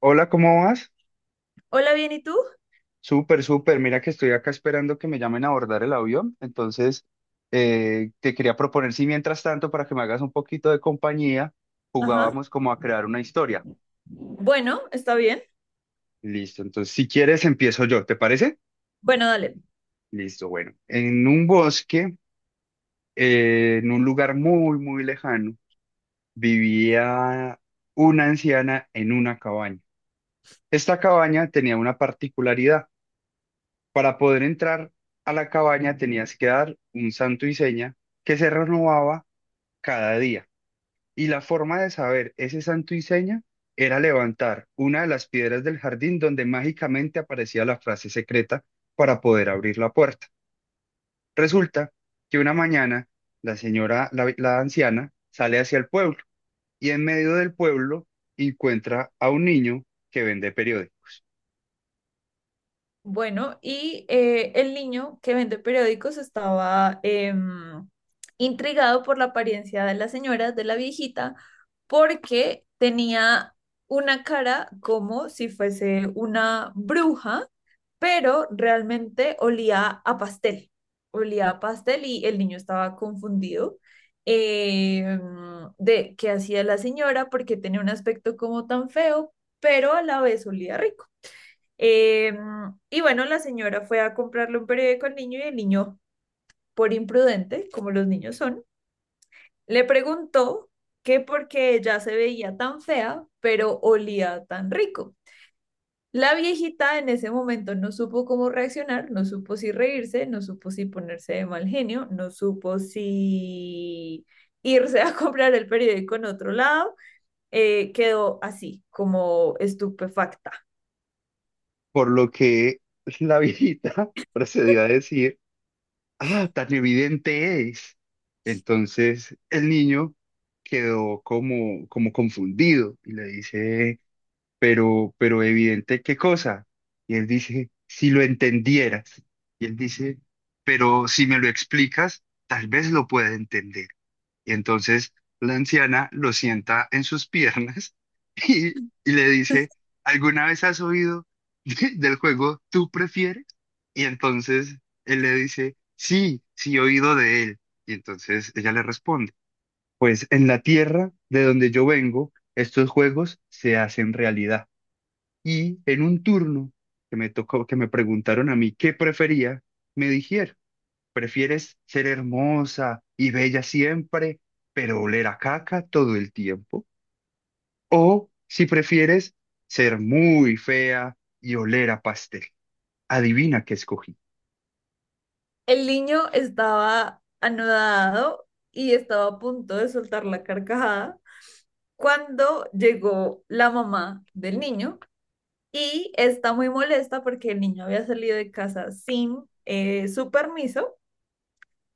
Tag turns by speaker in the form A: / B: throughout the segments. A: Hola, ¿cómo vas?
B: Hola, bien, ¿y tú?
A: Súper, súper. Mira que estoy acá esperando que me llamen a abordar el avión. Entonces, te quería proponer si mientras tanto, para que me hagas un poquito de compañía,
B: Ajá.
A: jugábamos como a crear una historia.
B: Bueno, está bien.
A: Listo. Entonces, si quieres, empiezo yo. ¿Te parece?
B: Bueno, dale.
A: Listo. Bueno, en un bosque, en un lugar muy, muy lejano, vivía una anciana en una cabaña. Esta cabaña tenía una particularidad. Para poder entrar a la cabaña tenías que dar un santo y seña que se renovaba cada día. Y la forma de saber ese santo y seña era levantar una de las piedras del jardín donde mágicamente aparecía la frase secreta para poder abrir la puerta. Resulta que una mañana la señora, la anciana, sale hacia el pueblo y en medio del pueblo encuentra a un niño que vende periódico,
B: Bueno, y el niño que vende periódicos estaba intrigado por la apariencia de la señora, de la viejita, porque tenía una cara como si fuese una bruja, pero realmente olía a pastel. Olía a pastel y el niño estaba confundido em, de qué hacía la señora, porque tenía un aspecto como tan feo, pero a la vez olía rico. Eh, y bueno, la señora fue a comprarle un periódico al niño y el niño, por imprudente, como los niños son, le preguntó que por qué ella se veía tan fea, pero olía tan rico. La viejita en ese momento no supo cómo reaccionar, no supo si reírse, no supo si ponerse de mal genio, no supo si irse a comprar el periódico en otro lado, quedó así, como estupefacta.
A: por lo que la viejita procedió a decir: ah, tan evidente es. Entonces el niño quedó como, como confundido y le dice, pero evidente, ¿qué cosa? Y él dice, si lo entendieras. Y él dice, pero si me lo explicas, tal vez lo pueda entender. Y entonces la anciana lo sienta en sus piernas y, y le dice, ¿alguna vez has oído del juego Tú prefieres? Y entonces él le dice, sí, sí he oído de él. Y entonces ella le responde, pues en la tierra de donde yo vengo, estos juegos se hacen realidad. Y en un turno que me tocó, que me preguntaron a mí qué prefería, me dijeron. ¿Prefieres ser hermosa y bella siempre, pero oler a caca todo el tiempo? O si prefieres ser muy fea y oler a pastel. Adivina qué escogí.
B: El niño estaba anodado y estaba a punto de soltar la carcajada cuando llegó la mamá del niño y está muy molesta porque el niño había salido de casa sin su permiso.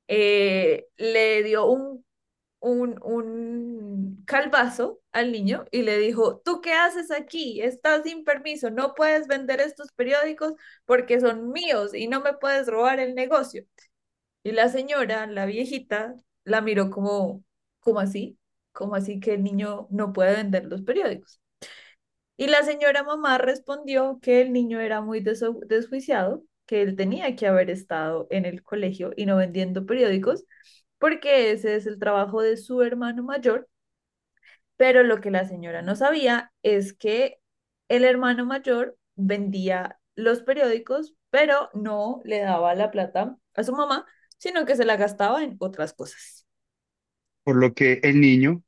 B: Le dio un calvazo al niño y le dijo, ¿tú qué haces aquí? Estás sin permiso, no puedes vender estos periódicos porque son míos y no me puedes robar el negocio. Y la señora, la viejita, la miró como, como así, como así que el niño no puede vender los periódicos. Y la señora mamá respondió que el niño era muy desjuiciado, que él tenía que haber estado en el colegio y no vendiendo periódicos, porque ese es el trabajo de su hermano mayor. Pero lo que la señora no sabía es que el hermano mayor vendía los periódicos, pero no le daba la plata a su mamá, sino que se la gastaba en otras cosas.
A: Por lo que el niño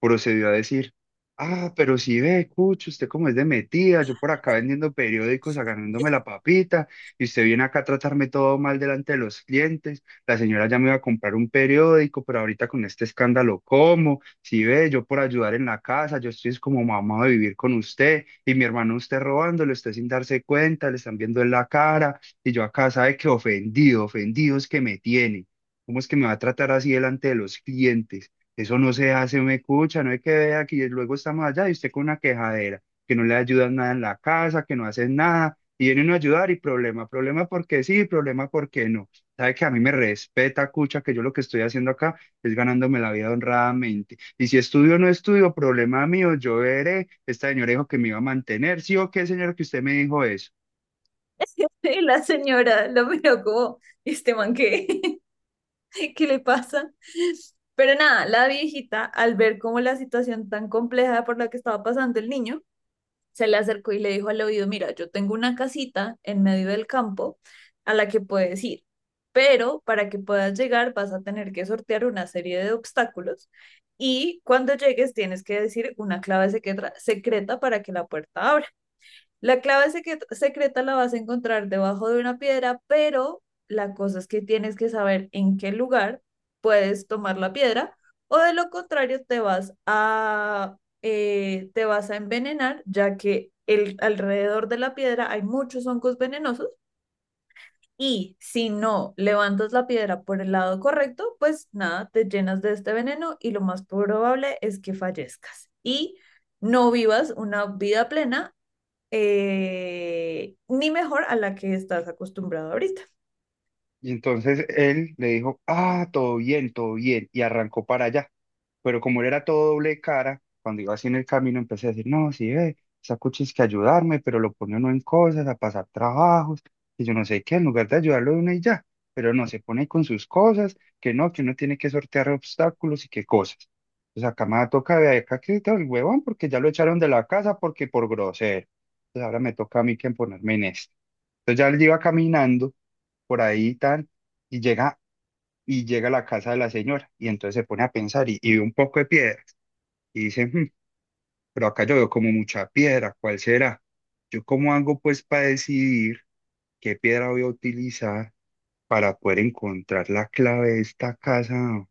A: procedió a decir, ah, pero si ve, Cucho, usted cómo es de metida, yo por acá vendiendo periódicos, ganándome la papita, y usted viene acá a tratarme todo mal delante de los clientes, la señora ya me iba a comprar un periódico, pero ahorita con este escándalo, ¿cómo? Si ve, yo por ayudar en la casa, yo estoy es como mamá de vivir con usted, y mi hermano usted robándole, usted sin darse cuenta, le están viendo en la cara, y yo acá sabe que ofendido, ofendido es que me tiene. ¿Cómo es que me va a tratar así delante de los clientes? Eso no se hace, me escucha, no hay que ver aquí. Y luego estamos allá y usted con una quejadera, que no le ayudan nada en la casa, que no hacen nada, y viene uno a ayudar y problema, problema porque sí, problema porque no. Sabe que a mí me respeta, cucha, que yo lo que estoy haciendo acá es ganándome la vida honradamente. Y si estudio o no estudio, problema mío, yo veré. Esta señora dijo que me iba a mantener, ¿sí o qué, señora, que usted me dijo eso?
B: Y la señora lo miró como, este man, ¿qué? ¿Qué le pasa? Pero nada, la viejita, al ver como la situación tan compleja por la que estaba pasando el niño, se le acercó y le dijo al oído, mira, yo tengo una casita en medio del campo a la que puedes ir, pero para que puedas llegar vas a tener que sortear una serie de obstáculos, y cuando llegues tienes que decir una clave secreta, secreta para que la puerta abra. La clave secreta la vas a encontrar debajo de una piedra, pero la cosa es que tienes que saber en qué lugar puedes tomar la piedra o de lo contrario te te vas a envenenar, ya que el, alrededor de la piedra hay muchos hongos venenosos, y si no levantas la piedra por el lado correcto, pues nada, te llenas de este veneno y lo más probable es que fallezcas. Y no vivas una vida plena, ni mejor a la que estás acostumbrado ahorita.
A: Y entonces él le dijo, ah, todo bien, y arrancó para allá. Pero como él era todo doble cara, cuando iba así en el camino empecé a decir, no, sí, ve, esa cuchi es que ayudarme, pero lo pone uno en cosas, a pasar trabajos, y yo no sé qué, en lugar de ayudarlo de una y ya, pero no, se pone con sus cosas, que no, que uno tiene que sortear obstáculos y qué cosas. Pues acá me toca de acá que todo el huevón, porque ya lo echaron de la casa porque por grosero. Entonces ahora me toca a mí que ponerme en esto. Entonces ya él iba caminando por ahí tan, y llega, y llega a la casa de la señora, y entonces se pone a pensar y ve un poco de piedras, y dice, "Hmm, pero acá yo veo como mucha piedra, ¿cuál será? ¿Yo cómo hago pues para decidir qué piedra voy a utilizar para poder encontrar la clave de esta casa?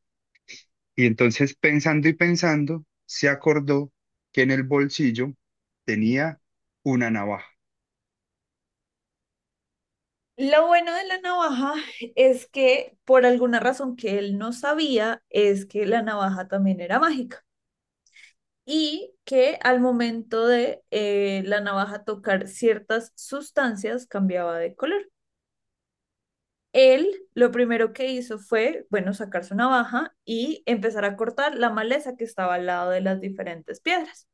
A: Y entonces pensando y pensando, se acordó que en el bolsillo tenía una navaja.
B: Lo bueno de la navaja es que por alguna razón que él no sabía es que la navaja también era mágica y que al momento de la navaja tocar ciertas sustancias cambiaba de color. Él lo primero que hizo fue, bueno, sacar su navaja y empezar a cortar la maleza que estaba al lado de las diferentes piedras.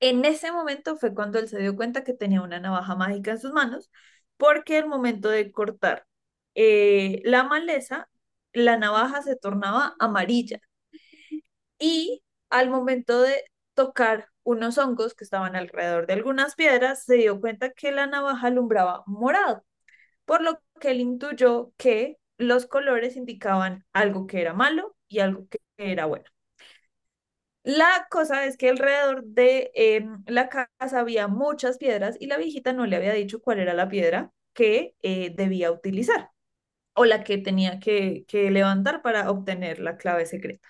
B: En ese momento fue cuando él se dio cuenta que tenía una navaja mágica en sus manos, porque al momento de cortar la maleza, la navaja se tornaba amarilla, y al momento de tocar unos hongos que estaban alrededor de algunas piedras, se dio cuenta que la navaja alumbraba morado, por lo que él intuyó que los colores indicaban algo que era malo y algo que era bueno. La cosa es que alrededor de la casa había muchas piedras y la viejita no le había dicho cuál era la piedra que debía utilizar, o la que tenía que levantar para obtener la clave secreta.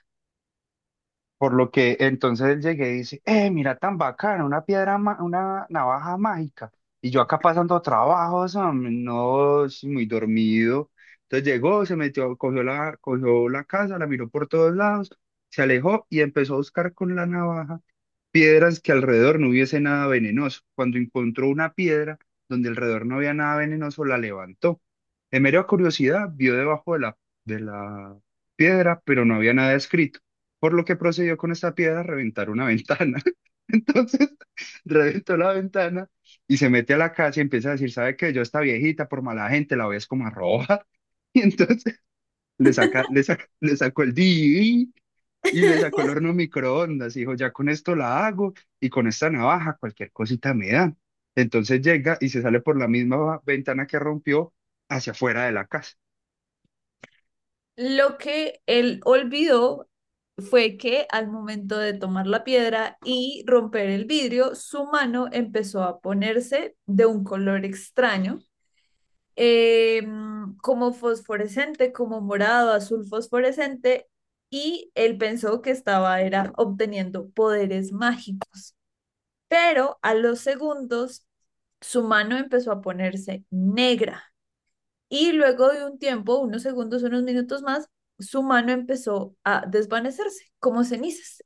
A: Por lo que entonces él llegué y dice, mira tan bacana, una piedra, una navaja mágica. Y yo acá pasando trabajos, hombre, no, sí, muy dormido. Entonces llegó, se metió, cogió la casa, la miró por todos lados, se alejó y empezó a buscar con la navaja piedras que alrededor no hubiese nada venenoso. Cuando encontró una piedra donde alrededor no había nada venenoso, la levantó. De mera curiosidad, vio debajo de la piedra, pero no había nada escrito, por lo que procedió con esta piedra a reventar una ventana. Entonces, reventó la ventana y se mete a la casa y empieza a decir, ¿sabe qué? Yo esta viejita, por mala gente, la ves como a robar. Y entonces le sacó el DVD y le sacó el horno microondas y dijo, ya con esto la hago y con esta navaja cualquier cosita me dan. Entonces llega y se sale por la misma ventana que rompió hacia afuera de la casa.
B: Lo que él olvidó fue que al momento de tomar la piedra y romper el vidrio, su mano empezó a ponerse de un color extraño, eh, como fosforescente, como morado, azul fosforescente, y él pensó que estaba era obteniendo poderes mágicos. Pero a los segundos su mano empezó a ponerse negra y luego de un tiempo, unos segundos, unos minutos más, su mano empezó a desvanecerse como cenizas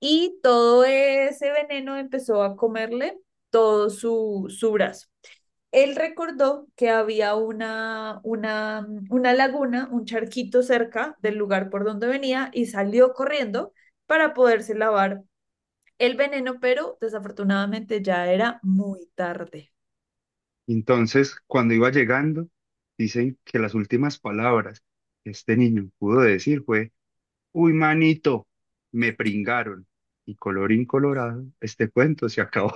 B: y todo ese veneno empezó a comerle todo su brazo. Él recordó que había una laguna, un charquito cerca del lugar por donde venía y salió corriendo para poderse lavar el veneno, pero desafortunadamente ya era muy tarde.
A: Entonces, cuando iba llegando, dicen que las últimas palabras que este niño pudo decir fue, uy, manito, me pringaron. Y colorín colorado, este cuento se acabó.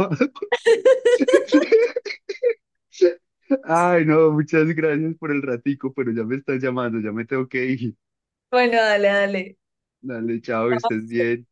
A: Ay, no, muchas gracias por el ratico, pero ya me estás llamando, ya me tengo que ir.
B: Bueno, dale, dale.
A: Dale, chao, que
B: No,
A: estés bien.